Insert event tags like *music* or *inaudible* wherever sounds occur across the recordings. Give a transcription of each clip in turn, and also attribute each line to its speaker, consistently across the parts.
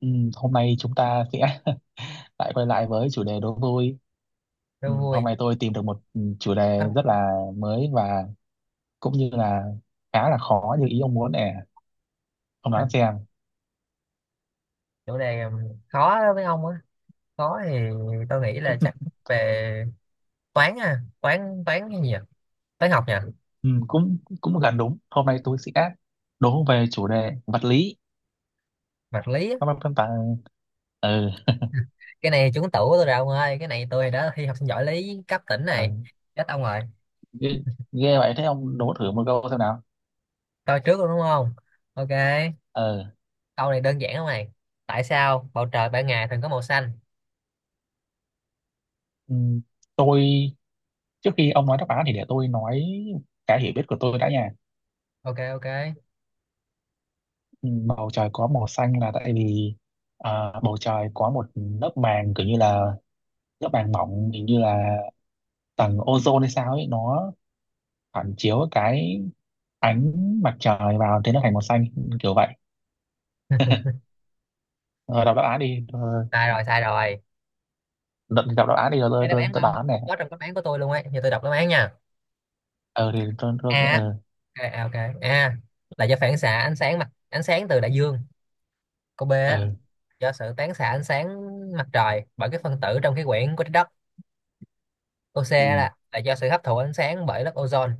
Speaker 1: Ừ, hôm nay chúng ta sẽ *laughs* lại quay lại với chủ đề đố vui. Ừ,
Speaker 2: Đố
Speaker 1: hôm
Speaker 2: vui.
Speaker 1: nay tôi tìm được một chủ đề
Speaker 2: à,
Speaker 1: rất là mới và cũng như là khá là khó như ý ông muốn nè. Ông
Speaker 2: à,
Speaker 1: đoán xem.
Speaker 2: Chủ đề khó đó với ông á. Khó thì tôi nghĩ là chắc về toán. À toán toán cái gì nhỉ, toán học nhỉ?
Speaker 1: Ừ, cũng cũng gần đúng. Hôm nay tôi sẽ đố về chủ đề vật lý.
Speaker 2: Vật lý á.
Speaker 1: Các bạn phân tán. Ừ,
Speaker 2: *laughs* Cái này trúng tủ của tôi rồi ông ơi, cái này tôi đã thi học sinh giỏi lý cấp tỉnh
Speaker 1: ừ.
Speaker 2: này. Chết ông rồi.
Speaker 1: Ghê, ghê vậy thế ông đố thử một câu xem nào.
Speaker 2: Tôi trước luôn đúng không? Ok,
Speaker 1: Ừ.
Speaker 2: câu này đơn giản không này. Tại sao bầu trời ban ngày thường có màu xanh?
Speaker 1: Ừ, tôi trước khi ông nói đáp án thì để tôi nói cái hiểu biết của tôi đã nha.
Speaker 2: Ok, ok.
Speaker 1: Ừ, bầu trời có màu xanh là tại vì bầu trời có một lớp màng kiểu như là lớp màng mỏng hình như là tầng ozone hay sao ấy, nó phản chiếu cái ánh mặt trời vào, thế nó thành màu xanh kiểu vậy. Ờ, đọc đáp án đi. Ờ,
Speaker 2: Sai rồi, sai rồi.
Speaker 1: đọc, đọc đáp án đi rồi tôi
Speaker 2: Cái đáp
Speaker 1: tôi,
Speaker 2: án của
Speaker 1: tôi
Speaker 2: ông
Speaker 1: đoán này.
Speaker 2: cũng có trong đáp án của tôi luôn ấy, giờ tôi đọc đáp án nha.
Speaker 1: Ờ thì tôi
Speaker 2: a
Speaker 1: ờ
Speaker 2: ok, ok. A là do phản xạ ánh sáng mặt ánh sáng từ đại dương. Câu B á,
Speaker 1: ờ
Speaker 2: do sự tán xạ ánh sáng mặt trời bởi các phân tử trong khí quyển của trái đất. Câu C
Speaker 1: ừ,
Speaker 2: là do sự hấp thụ ánh sáng bởi lớp ozone.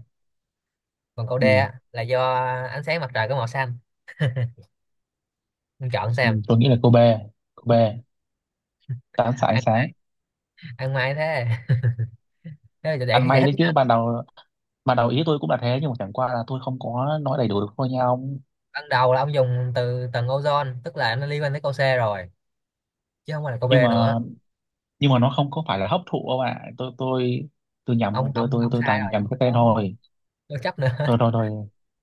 Speaker 2: Còn câu D
Speaker 1: ừ,
Speaker 2: á, là do ánh sáng mặt trời có màu xanh. Ông chọn
Speaker 1: ừ,
Speaker 2: xem.
Speaker 1: tôi nghĩ là cô B. Cô B, tán xạ ánh
Speaker 2: Ăn,
Speaker 1: sáng.
Speaker 2: ăn may thế. *laughs* Thế là
Speaker 1: Ăn
Speaker 2: để
Speaker 1: may
Speaker 2: giải
Speaker 1: đấy
Speaker 2: thích nha.
Speaker 1: chứ, ban đầu, ban đầu ý tôi cũng là thế, nhưng mà chẳng qua là tôi không có nói đầy đủ được thôi nha ông.
Speaker 2: Ban đầu là ông dùng từ tầng ozone, tức là nó liên quan tới câu C rồi, chứ không phải là câu B
Speaker 1: Nhưng
Speaker 2: nữa.
Speaker 1: mà, nhưng mà nó không có phải là hấp thụ đâu ạ. Tôi nhầm,
Speaker 2: ông
Speaker 1: tôi
Speaker 2: ông
Speaker 1: tôi
Speaker 2: ông
Speaker 1: tôi
Speaker 2: sai
Speaker 1: toàn
Speaker 2: rồi,
Speaker 1: nhầm
Speaker 2: ông
Speaker 1: cái tên thôi.
Speaker 2: có chấp nữa.
Speaker 1: Thôi thôi
Speaker 2: *laughs*
Speaker 1: thôi,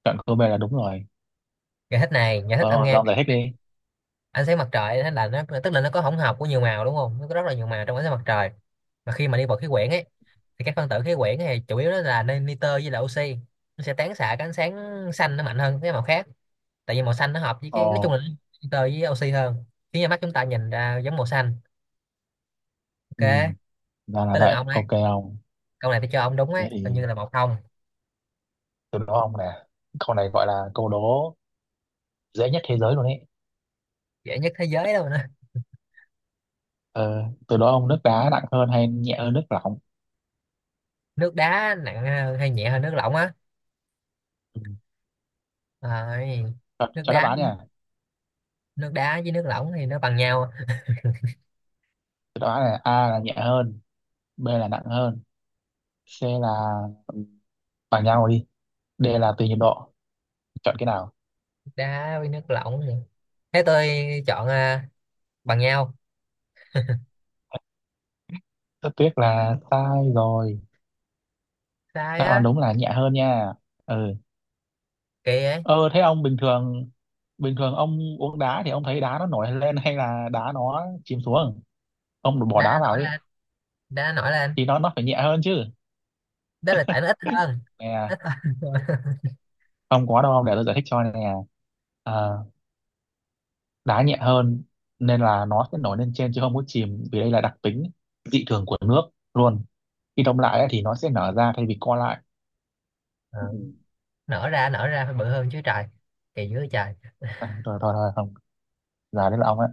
Speaker 1: cận Kobe là đúng rồi.
Speaker 2: Giải thích này, giải thích ông
Speaker 1: Ờ
Speaker 2: nghe.
Speaker 1: dòng giải thích đi.
Speaker 2: Ánh sáng mặt trời thế là nó, tức là nó có hỗn hợp của nhiều màu đúng không, nó có rất là nhiều màu trong ánh sáng mặt trời. Mà khi mà đi vào khí quyển ấy, thì các phân tử khí quyển này chủ yếu đó là nitơ với là oxy, nó sẽ tán xạ cái ánh sáng xanh nó mạnh hơn cái màu khác. Tại vì màu xanh nó hợp với
Speaker 1: Ồ.
Speaker 2: cái nói chung là nitơ với oxy hơn, khiến cho mắt chúng ta nhìn ra giống màu xanh.
Speaker 1: Ừ,
Speaker 2: Ok,
Speaker 1: ra là
Speaker 2: tới lượt
Speaker 1: vậy,
Speaker 2: ông đấy.
Speaker 1: ok ông.
Speaker 2: Câu này tôi cho ông đúng ấy,
Speaker 1: Thế
Speaker 2: coi
Speaker 1: thì
Speaker 2: như là một không.
Speaker 1: tôi đố ông nè, câu này gọi là câu đố dễ nhất thế giới luôn ấy.
Speaker 2: Dễ nhất thế giới đâu nữa?
Speaker 1: Ờ, tôi đố ông, nước đá nặng hơn hay nhẹ hơn nước lỏng?
Speaker 2: Nước đá nặng hơn hay nhẹ hơn nước lỏng á?
Speaker 1: Ừ.
Speaker 2: Rồi,
Speaker 1: cho,
Speaker 2: nước
Speaker 1: cho đáp
Speaker 2: đá,
Speaker 1: án nha.
Speaker 2: nước đá với nước lỏng thì nó bằng nhau.
Speaker 1: Cho đáp án là A là nhẹ hơn, B là nặng hơn, C là ừ, bằng nhau đi, D là tùy nhiệt độ, chọn cái nào?
Speaker 2: Đá với nước lỏng hả? Thế tôi chọn bằng nhau.
Speaker 1: Rất tiếc là sai rồi.
Speaker 2: Sai
Speaker 1: Đạo
Speaker 2: á?
Speaker 1: Hoàn đúng là nhẹ hơn nha. Ừ.
Speaker 2: Kỳ vậy.
Speaker 1: Ờ thế ông bình thường, bình thường ông uống đá thì ông thấy đá nó nổi lên hay là đá nó chìm xuống? Ông bỏ
Speaker 2: Đá
Speaker 1: đá vào
Speaker 2: nổi
Speaker 1: ấy
Speaker 2: lên, đá nổi lên.
Speaker 1: thì nó phải nhẹ hơn chứ.
Speaker 2: Đó là tại nó ít hơn,
Speaker 1: Nè,
Speaker 2: ít hơn thôi. *laughs*
Speaker 1: không có đâu, để tôi giải thích cho nè. Ờ, đá nhẹ hơn nên là nó sẽ nổi lên trên chứ không có chìm, vì đây là đặc tính dị thường của nước luôn. Khi đông lại ấy, thì nó sẽ nở ra thay vì co lại. Ừ.
Speaker 2: Ờ, nở ra, nở ra phải bự hơn chứ trời, kỳ dưới trời.
Speaker 1: À, thôi thôi thôi không, giờ đến là ông ấy.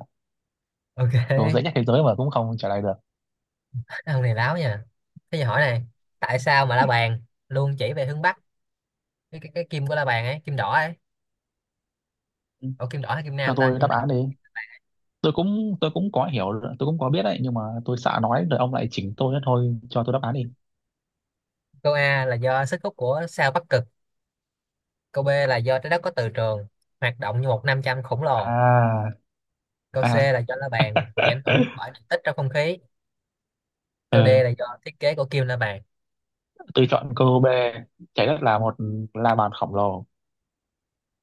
Speaker 2: Ok.
Speaker 1: Tôi dễ nhất thế giới mà cũng không trả lời được.
Speaker 2: *laughs* Ông này láo nha. Thế giờ hỏi này, tại sao mà la bàn luôn chỉ về hướng bắc? Cái kim của la bàn ấy, kim đỏ ấy.
Speaker 1: Ừ,
Speaker 2: Ủa kim đỏ hay kim
Speaker 1: cho
Speaker 2: nam ta,
Speaker 1: tôi
Speaker 2: nhưng
Speaker 1: đáp
Speaker 2: mà
Speaker 1: án đi. Tôi cũng có hiểu, tôi cũng có biết đấy, nhưng mà tôi sợ nói rồi ông lại chỉnh tôi đó thôi, cho tôi đáp án đi.
Speaker 2: câu A là do sức hút của sao bắc cực, câu B là do trái đất có từ trường hoạt động như một nam châm khổng lồ.
Speaker 1: À.
Speaker 2: Câu C
Speaker 1: À.
Speaker 2: là do la bàn bị ảnh hưởng
Speaker 1: *laughs*
Speaker 2: bởi điện tích trong không khí. Câu D
Speaker 1: Ừ,
Speaker 2: là do thiết kế của kim la bàn.
Speaker 1: tôi chọn câu B, trái đất là một la bàn khổng lồ,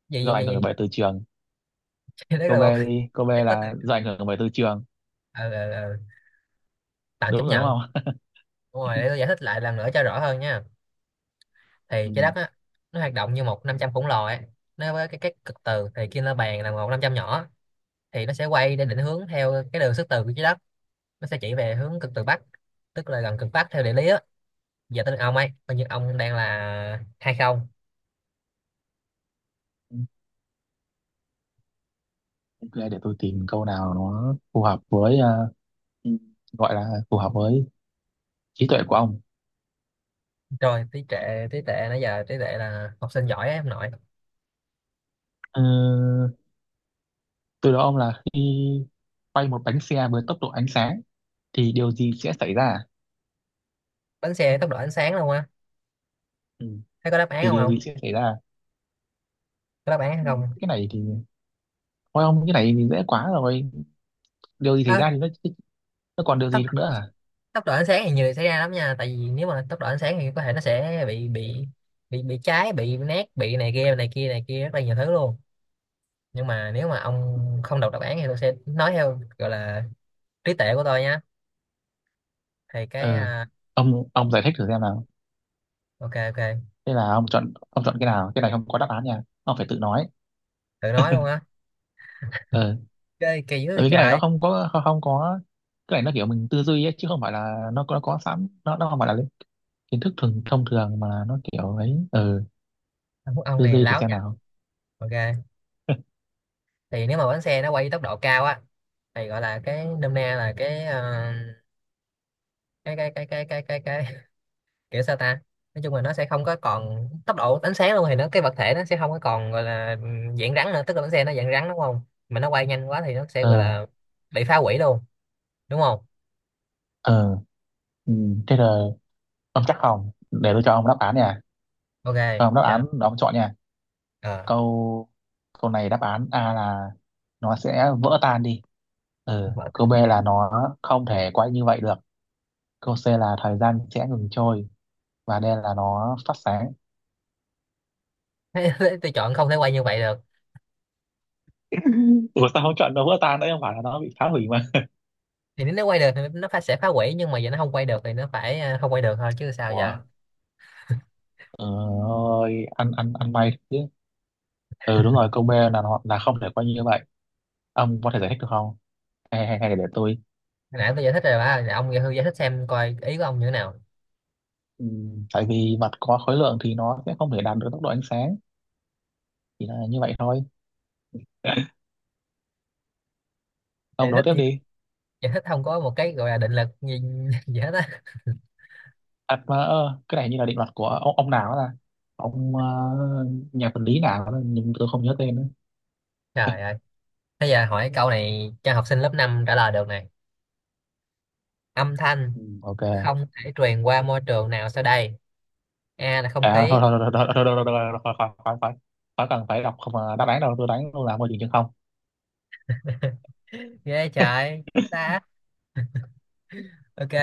Speaker 2: Gì
Speaker 1: do
Speaker 2: gì gì
Speaker 1: ảnh hưởng
Speaker 2: gì.
Speaker 1: bởi từ trường.
Speaker 2: *laughs* Đấy
Speaker 1: Câu
Speaker 2: là
Speaker 1: B
Speaker 2: một,
Speaker 1: đi, câu B
Speaker 2: nó có từ.
Speaker 1: là do ảnh hưởng bởi từ trường,
Speaker 2: ờ, ờ, ờ, Tạm
Speaker 1: đúng
Speaker 2: chấp
Speaker 1: rồi đúng
Speaker 2: nhận.
Speaker 1: không?
Speaker 2: Đúng rồi, để tôi giải thích lại lần nữa cho rõ hơn nha.
Speaker 1: *laughs*
Speaker 2: Thì trái
Speaker 1: Ừ.
Speaker 2: đất á, nó hoạt động như một 500 khổng lồ ấy. Nó với cái các cực từ thì kim la bàn là một 500 nhỏ, thì nó sẽ quay để định hướng theo cái đường sức từ của trái đất. Nó sẽ chỉ về hướng cực từ bắc, tức là gần cực bắc theo địa lý á. Giờ tới lượt ông ấy, coi như ông đang là hai không.
Speaker 1: Ok, để tôi tìm câu nào nó phù hợp với ừ, gọi là phù hợp với trí tuệ của ông.
Speaker 2: Rồi, tí trệ, tí tệ, nãy giờ tí tệ là học sinh giỏi ấy, ông nội.
Speaker 1: ừ, Từ đó ông là khi quay một bánh xe với tốc độ ánh sáng thì điều gì sẽ xảy ra?
Speaker 2: Bánh xe tốc độ ánh sáng luôn á?
Speaker 1: Ừ.
Speaker 2: Thấy có đáp án
Speaker 1: Thì
Speaker 2: không
Speaker 1: điều
Speaker 2: không?
Speaker 1: gì sẽ xảy ra?
Speaker 2: Có đáp án hay
Speaker 1: Ừ,
Speaker 2: không?
Speaker 1: cái này thì thôi ông, cái này thì dễ quá rồi, điều gì xảy
Speaker 2: à,
Speaker 1: ra thì nó còn điều
Speaker 2: Tốc,
Speaker 1: gì được nữa à?
Speaker 2: độ ánh sáng thì nhiều điều xảy ra lắm nha, tại vì nếu mà tốc độ ánh sáng thì có thể nó sẽ bị cháy, bị nát, bị này kia này kia này kia, rất là nhiều thứ luôn. Nhưng mà nếu mà ông không đọc đáp án thì tôi sẽ nói theo gọi là trí tuệ của tôi nhá. Thì cái.
Speaker 1: Ờ. Ông giải thích thử xem nào.
Speaker 2: Ok, ok.
Speaker 1: Thế là ông chọn, ông chọn cái nào? Cái này không có đáp án nha, ông phải tự nói.
Speaker 2: Tự nói luôn á?
Speaker 1: Ờ,
Speaker 2: Chơi kỳ dữ
Speaker 1: tại
Speaker 2: vậy
Speaker 1: vì cái này nó
Speaker 2: trời.
Speaker 1: không có, không có, cái này nó kiểu mình tư duy ấy, chứ không phải là nó có sẵn, nó không phải là kiến thức thông thường, mà nó kiểu ấy. Ờ
Speaker 2: Ông
Speaker 1: Tư
Speaker 2: này
Speaker 1: duy thử
Speaker 2: láo
Speaker 1: xem
Speaker 2: nha.
Speaker 1: nào.
Speaker 2: Ok,
Speaker 1: *laughs*
Speaker 2: thì nếu mà bánh xe nó quay tốc độ cao á, thì gọi là cái nôm na là cái. Cái kiểu sao ta, nói chung là nó sẽ không có còn tốc độ ánh sáng luôn, thì nó cái vật thể nó sẽ không có còn gọi là dạng rắn nữa, tức là bánh xe nó dạng rắn đúng không, mà nó quay nhanh quá thì nó sẽ
Speaker 1: ờ
Speaker 2: gọi là bị phá hủy luôn đúng không?
Speaker 1: ờ ừ. Thế là ông chắc không, để tôi cho ông đáp án nha.
Speaker 2: Ok,
Speaker 1: Cho ông đáp
Speaker 2: cho.
Speaker 1: án, ông chọn nha.
Speaker 2: Ờ.
Speaker 1: Câu câu này đáp án A là nó sẽ vỡ tan đi, ừ, câu B
Speaker 2: *laughs*
Speaker 1: là nó không thể quay như vậy được, câu C là thời gian sẽ ngừng trôi, và D là nó phát sáng.
Speaker 2: Tôi chọn không thể quay như vậy được.
Speaker 1: *laughs* Ủa sao không chọn nó vỡ tan, đấy không phải là nó bị phá hủy mà?
Speaker 2: Thì nếu nó quay được thì nó phải sẽ phá hủy, nhưng mà giờ nó không quay được thì nó phải, không quay được thôi chứ sao
Speaker 1: Ủa.
Speaker 2: giờ.
Speaker 1: Ừ, ơi, ăn ăn ăn may chứ. Ừ, đúng rồi, câu B là nó là không thể quay như vậy. Ông có thể giải thích được không, hay hay, hay để tôi?
Speaker 2: Hồi nãy tôi giải thích rồi ba. Nè, ông giải giải thích xem coi ý của ông như thế nào.
Speaker 1: Ừ, tại vì vật có khối lượng thì nó sẽ không thể đạt được tốc độ ánh sáng, chỉ là như vậy thôi. Ông
Speaker 2: giải
Speaker 1: đố
Speaker 2: thích
Speaker 1: tiếp
Speaker 2: như
Speaker 1: đi.
Speaker 2: giải thích không có một cái gọi là định lực gì, *laughs* gì hết á.
Speaker 1: À mà ờ, cái này như là định luật của ông nào đó, là ông ờ, nhà vật lý nào đó, nhưng tôi không nhớ tên nữa.
Speaker 2: Trời ơi, thế giờ hỏi câu này cho học sinh lớp 5 trả lời được nè. Âm thanh
Speaker 1: Ừ. Ok.
Speaker 2: không thể truyền qua môi trường nào sau đây, A là không
Speaker 1: À, thôi
Speaker 2: khí.
Speaker 1: thôi thôi thôi thôi thôi thôi thôi thôi khỏi, khỏi khỏi khỏi cần phải đọc không mà đáp án đâu, tôi đánh luôn là môi trường chân không.
Speaker 2: *laughs* Ghê trời ta. Ok,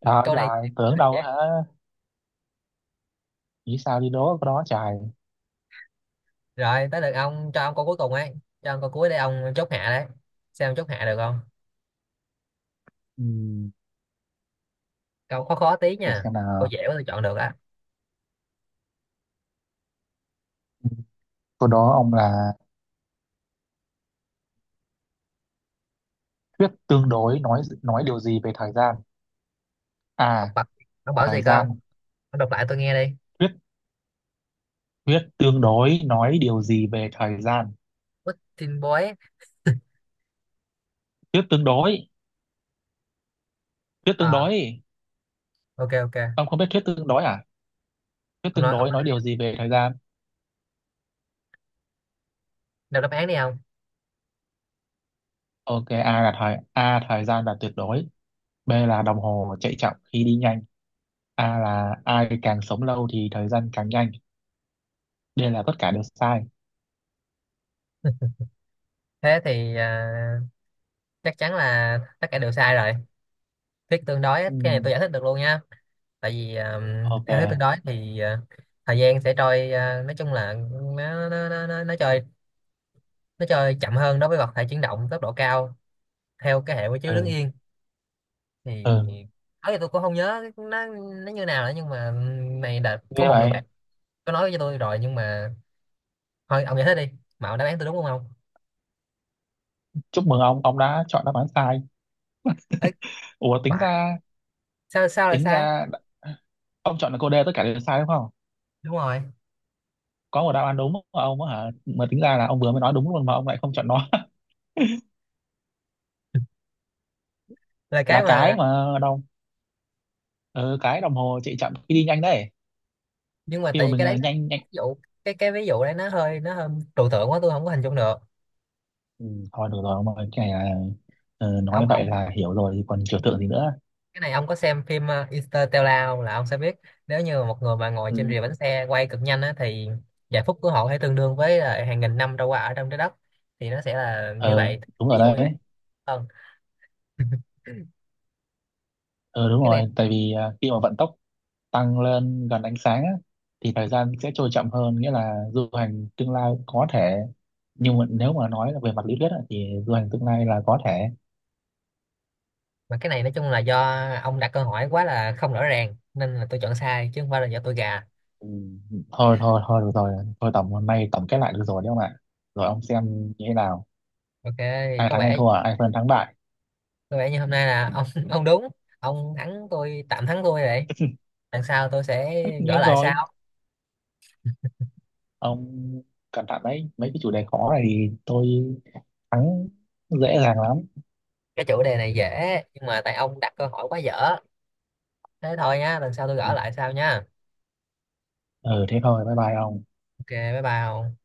Speaker 1: Trời
Speaker 2: câu này.
Speaker 1: trời, tưởng đâu á hả? Nghĩ sao đi đố cái đó trời.
Speaker 2: Rồi tới lượt ông, cho ông câu cuối cùng ấy, cho ông câu cuối để ông chốt hạ đấy, xem ông chốt hạ được không.
Speaker 1: Ừm,
Speaker 2: Câu khó khó tí
Speaker 1: để
Speaker 2: nha,
Speaker 1: xem
Speaker 2: câu
Speaker 1: nào.
Speaker 2: dễ quá tôi chọn được á.
Speaker 1: Ừ, câu đó ông là thuyết tương đối nói điều gì về thời gian?
Speaker 2: Ông
Speaker 1: À,
Speaker 2: bật, ông bảo
Speaker 1: thời
Speaker 2: gì cơ ông?
Speaker 1: gian.
Speaker 2: Ông đọc lại tôi nghe đi.
Speaker 1: Thuyết thuyết tương đối nói điều gì về thời gian?
Speaker 2: Putin boy.
Speaker 1: Thuyết tương đối, thuyết tương
Speaker 2: à
Speaker 1: đối.
Speaker 2: ok, ok.
Speaker 1: Ông không biết thuyết tương đối à? Thuyết
Speaker 2: Ông
Speaker 1: tương
Speaker 2: nói, ông
Speaker 1: đối
Speaker 2: nói
Speaker 1: nói
Speaker 2: đi.
Speaker 1: điều gì về thời gian?
Speaker 2: Đọc đáp án đi ông.
Speaker 1: Ok, A thời gian là tuyệt đối, B là đồng hồ chạy chậm khi đi nhanh, A là ai càng sống lâu thì thời gian càng nhanh, D là tất cả đều sai.
Speaker 2: Thế thì, chắc chắn là tất cả đều sai rồi. Thuyết tương đối á,
Speaker 1: Ừ,
Speaker 2: cái này tôi giải thích được luôn nha. Tại vì
Speaker 1: ok,
Speaker 2: theo thứ tự đó thì, thời gian sẽ trôi, nói chung là nó trôi, nó trôi chậm hơn đối với vật thể chuyển động tốc độ cao theo cái hệ quy chiếu đứng
Speaker 1: ừ,
Speaker 2: yên thì
Speaker 1: ừ.
Speaker 2: ấy. Tôi cũng không nhớ nó như nào nữa, nhưng mà này đợt có
Speaker 1: Nghe
Speaker 2: một người bạn
Speaker 1: vậy,
Speaker 2: có nói với tôi rồi, nhưng mà thôi, ông giải thích đi. Mà ông, đáp án tôi đúng không ông?
Speaker 1: chúc mừng ông đã chọn đáp án sai.
Speaker 2: Ấy,
Speaker 1: Ủa
Speaker 2: phải. Sao sao lại
Speaker 1: tính
Speaker 2: sai?
Speaker 1: ra ông chọn là cô D tất cả đều sai đúng không?
Speaker 2: Đúng rồi.
Speaker 1: Có một đáp án đúng của ông á hả? Mà tính ra là ông vừa mới nói đúng luôn mà ông lại không chọn nó. *laughs*
Speaker 2: Là cái
Speaker 1: Là cái
Speaker 2: mà,
Speaker 1: mà đâu, ờ, cái đồng hồ chạy chậm khi đi nhanh đấy,
Speaker 2: nhưng mà
Speaker 1: khi
Speaker 2: tại
Speaker 1: mà
Speaker 2: vì
Speaker 1: mình
Speaker 2: cái
Speaker 1: ờ,
Speaker 2: đấy nó,
Speaker 1: nhanh nhanh.
Speaker 2: ví dụ, cái ví dụ đấy nó hơi, nó hơi trừu tượng quá tôi không có hình dung được.
Speaker 1: Ừ, thôi được rồi ông ơi, cái này là ờ,
Speaker 2: ông
Speaker 1: nói vậy
Speaker 2: ông
Speaker 1: là hiểu rồi thì còn trừu tượng gì nữa.
Speaker 2: cái này ông có xem phim Interstellar không là ông sẽ biết. Nếu như một người mà ngồi trên
Speaker 1: Ừ.
Speaker 2: rìa bánh xe quay cực nhanh á, thì giây phút của họ có tương đương với là hàng nghìn năm trôi qua ở trong trái đất, thì nó sẽ là như
Speaker 1: Ờ
Speaker 2: vậy.
Speaker 1: đúng
Speaker 2: Ví
Speaker 1: rồi
Speaker 2: dụ như vậy
Speaker 1: đấy.
Speaker 2: hơn. *laughs*
Speaker 1: Ờ đúng
Speaker 2: Cái này,
Speaker 1: rồi, tại vì ờ, khi mà vận tốc tăng lên gần ánh sáng á, thì thời gian sẽ trôi chậm hơn, nghĩa là du hành tương lai có thể, nhưng mà nếu mà nói là về mặt lý thuyết á, thì du hành tương lai là có thể.
Speaker 2: mà cái này nói chung là do ông đặt câu hỏi quá là không rõ ràng nên là tôi chọn sai, chứ không phải là do tôi gà.
Speaker 1: Ừ. Thôi thôi thôi được rồi, thôi tổng, hôm nay tổng kết lại được rồi đấy ông ạ. Rồi ông xem như thế nào,
Speaker 2: Ok, thì
Speaker 1: ai
Speaker 2: có
Speaker 1: thắng ai
Speaker 2: vẻ,
Speaker 1: thua, ai phân thắng bại?
Speaker 2: có vẻ như hôm nay là ông *laughs* ông đúng, ông thắng tôi, tạm thắng tôi rồi, lần sau tôi sẽ
Speaker 1: Tất
Speaker 2: gỡ
Speaker 1: nhiên
Speaker 2: lại
Speaker 1: rồi.
Speaker 2: sau.
Speaker 1: Ông cẩn thận đấy, mấy cái chủ đề khó này thì tôi thắng dễ dàng lắm.
Speaker 2: Cái chủ đề này dễ nhưng mà tại ông đặt câu hỏi quá dở. Thế thôi nha, lần sau tôi gỡ lại sau nha.
Speaker 1: Ừ thế thôi, bye bye ông.
Speaker 2: Ok, bye bye.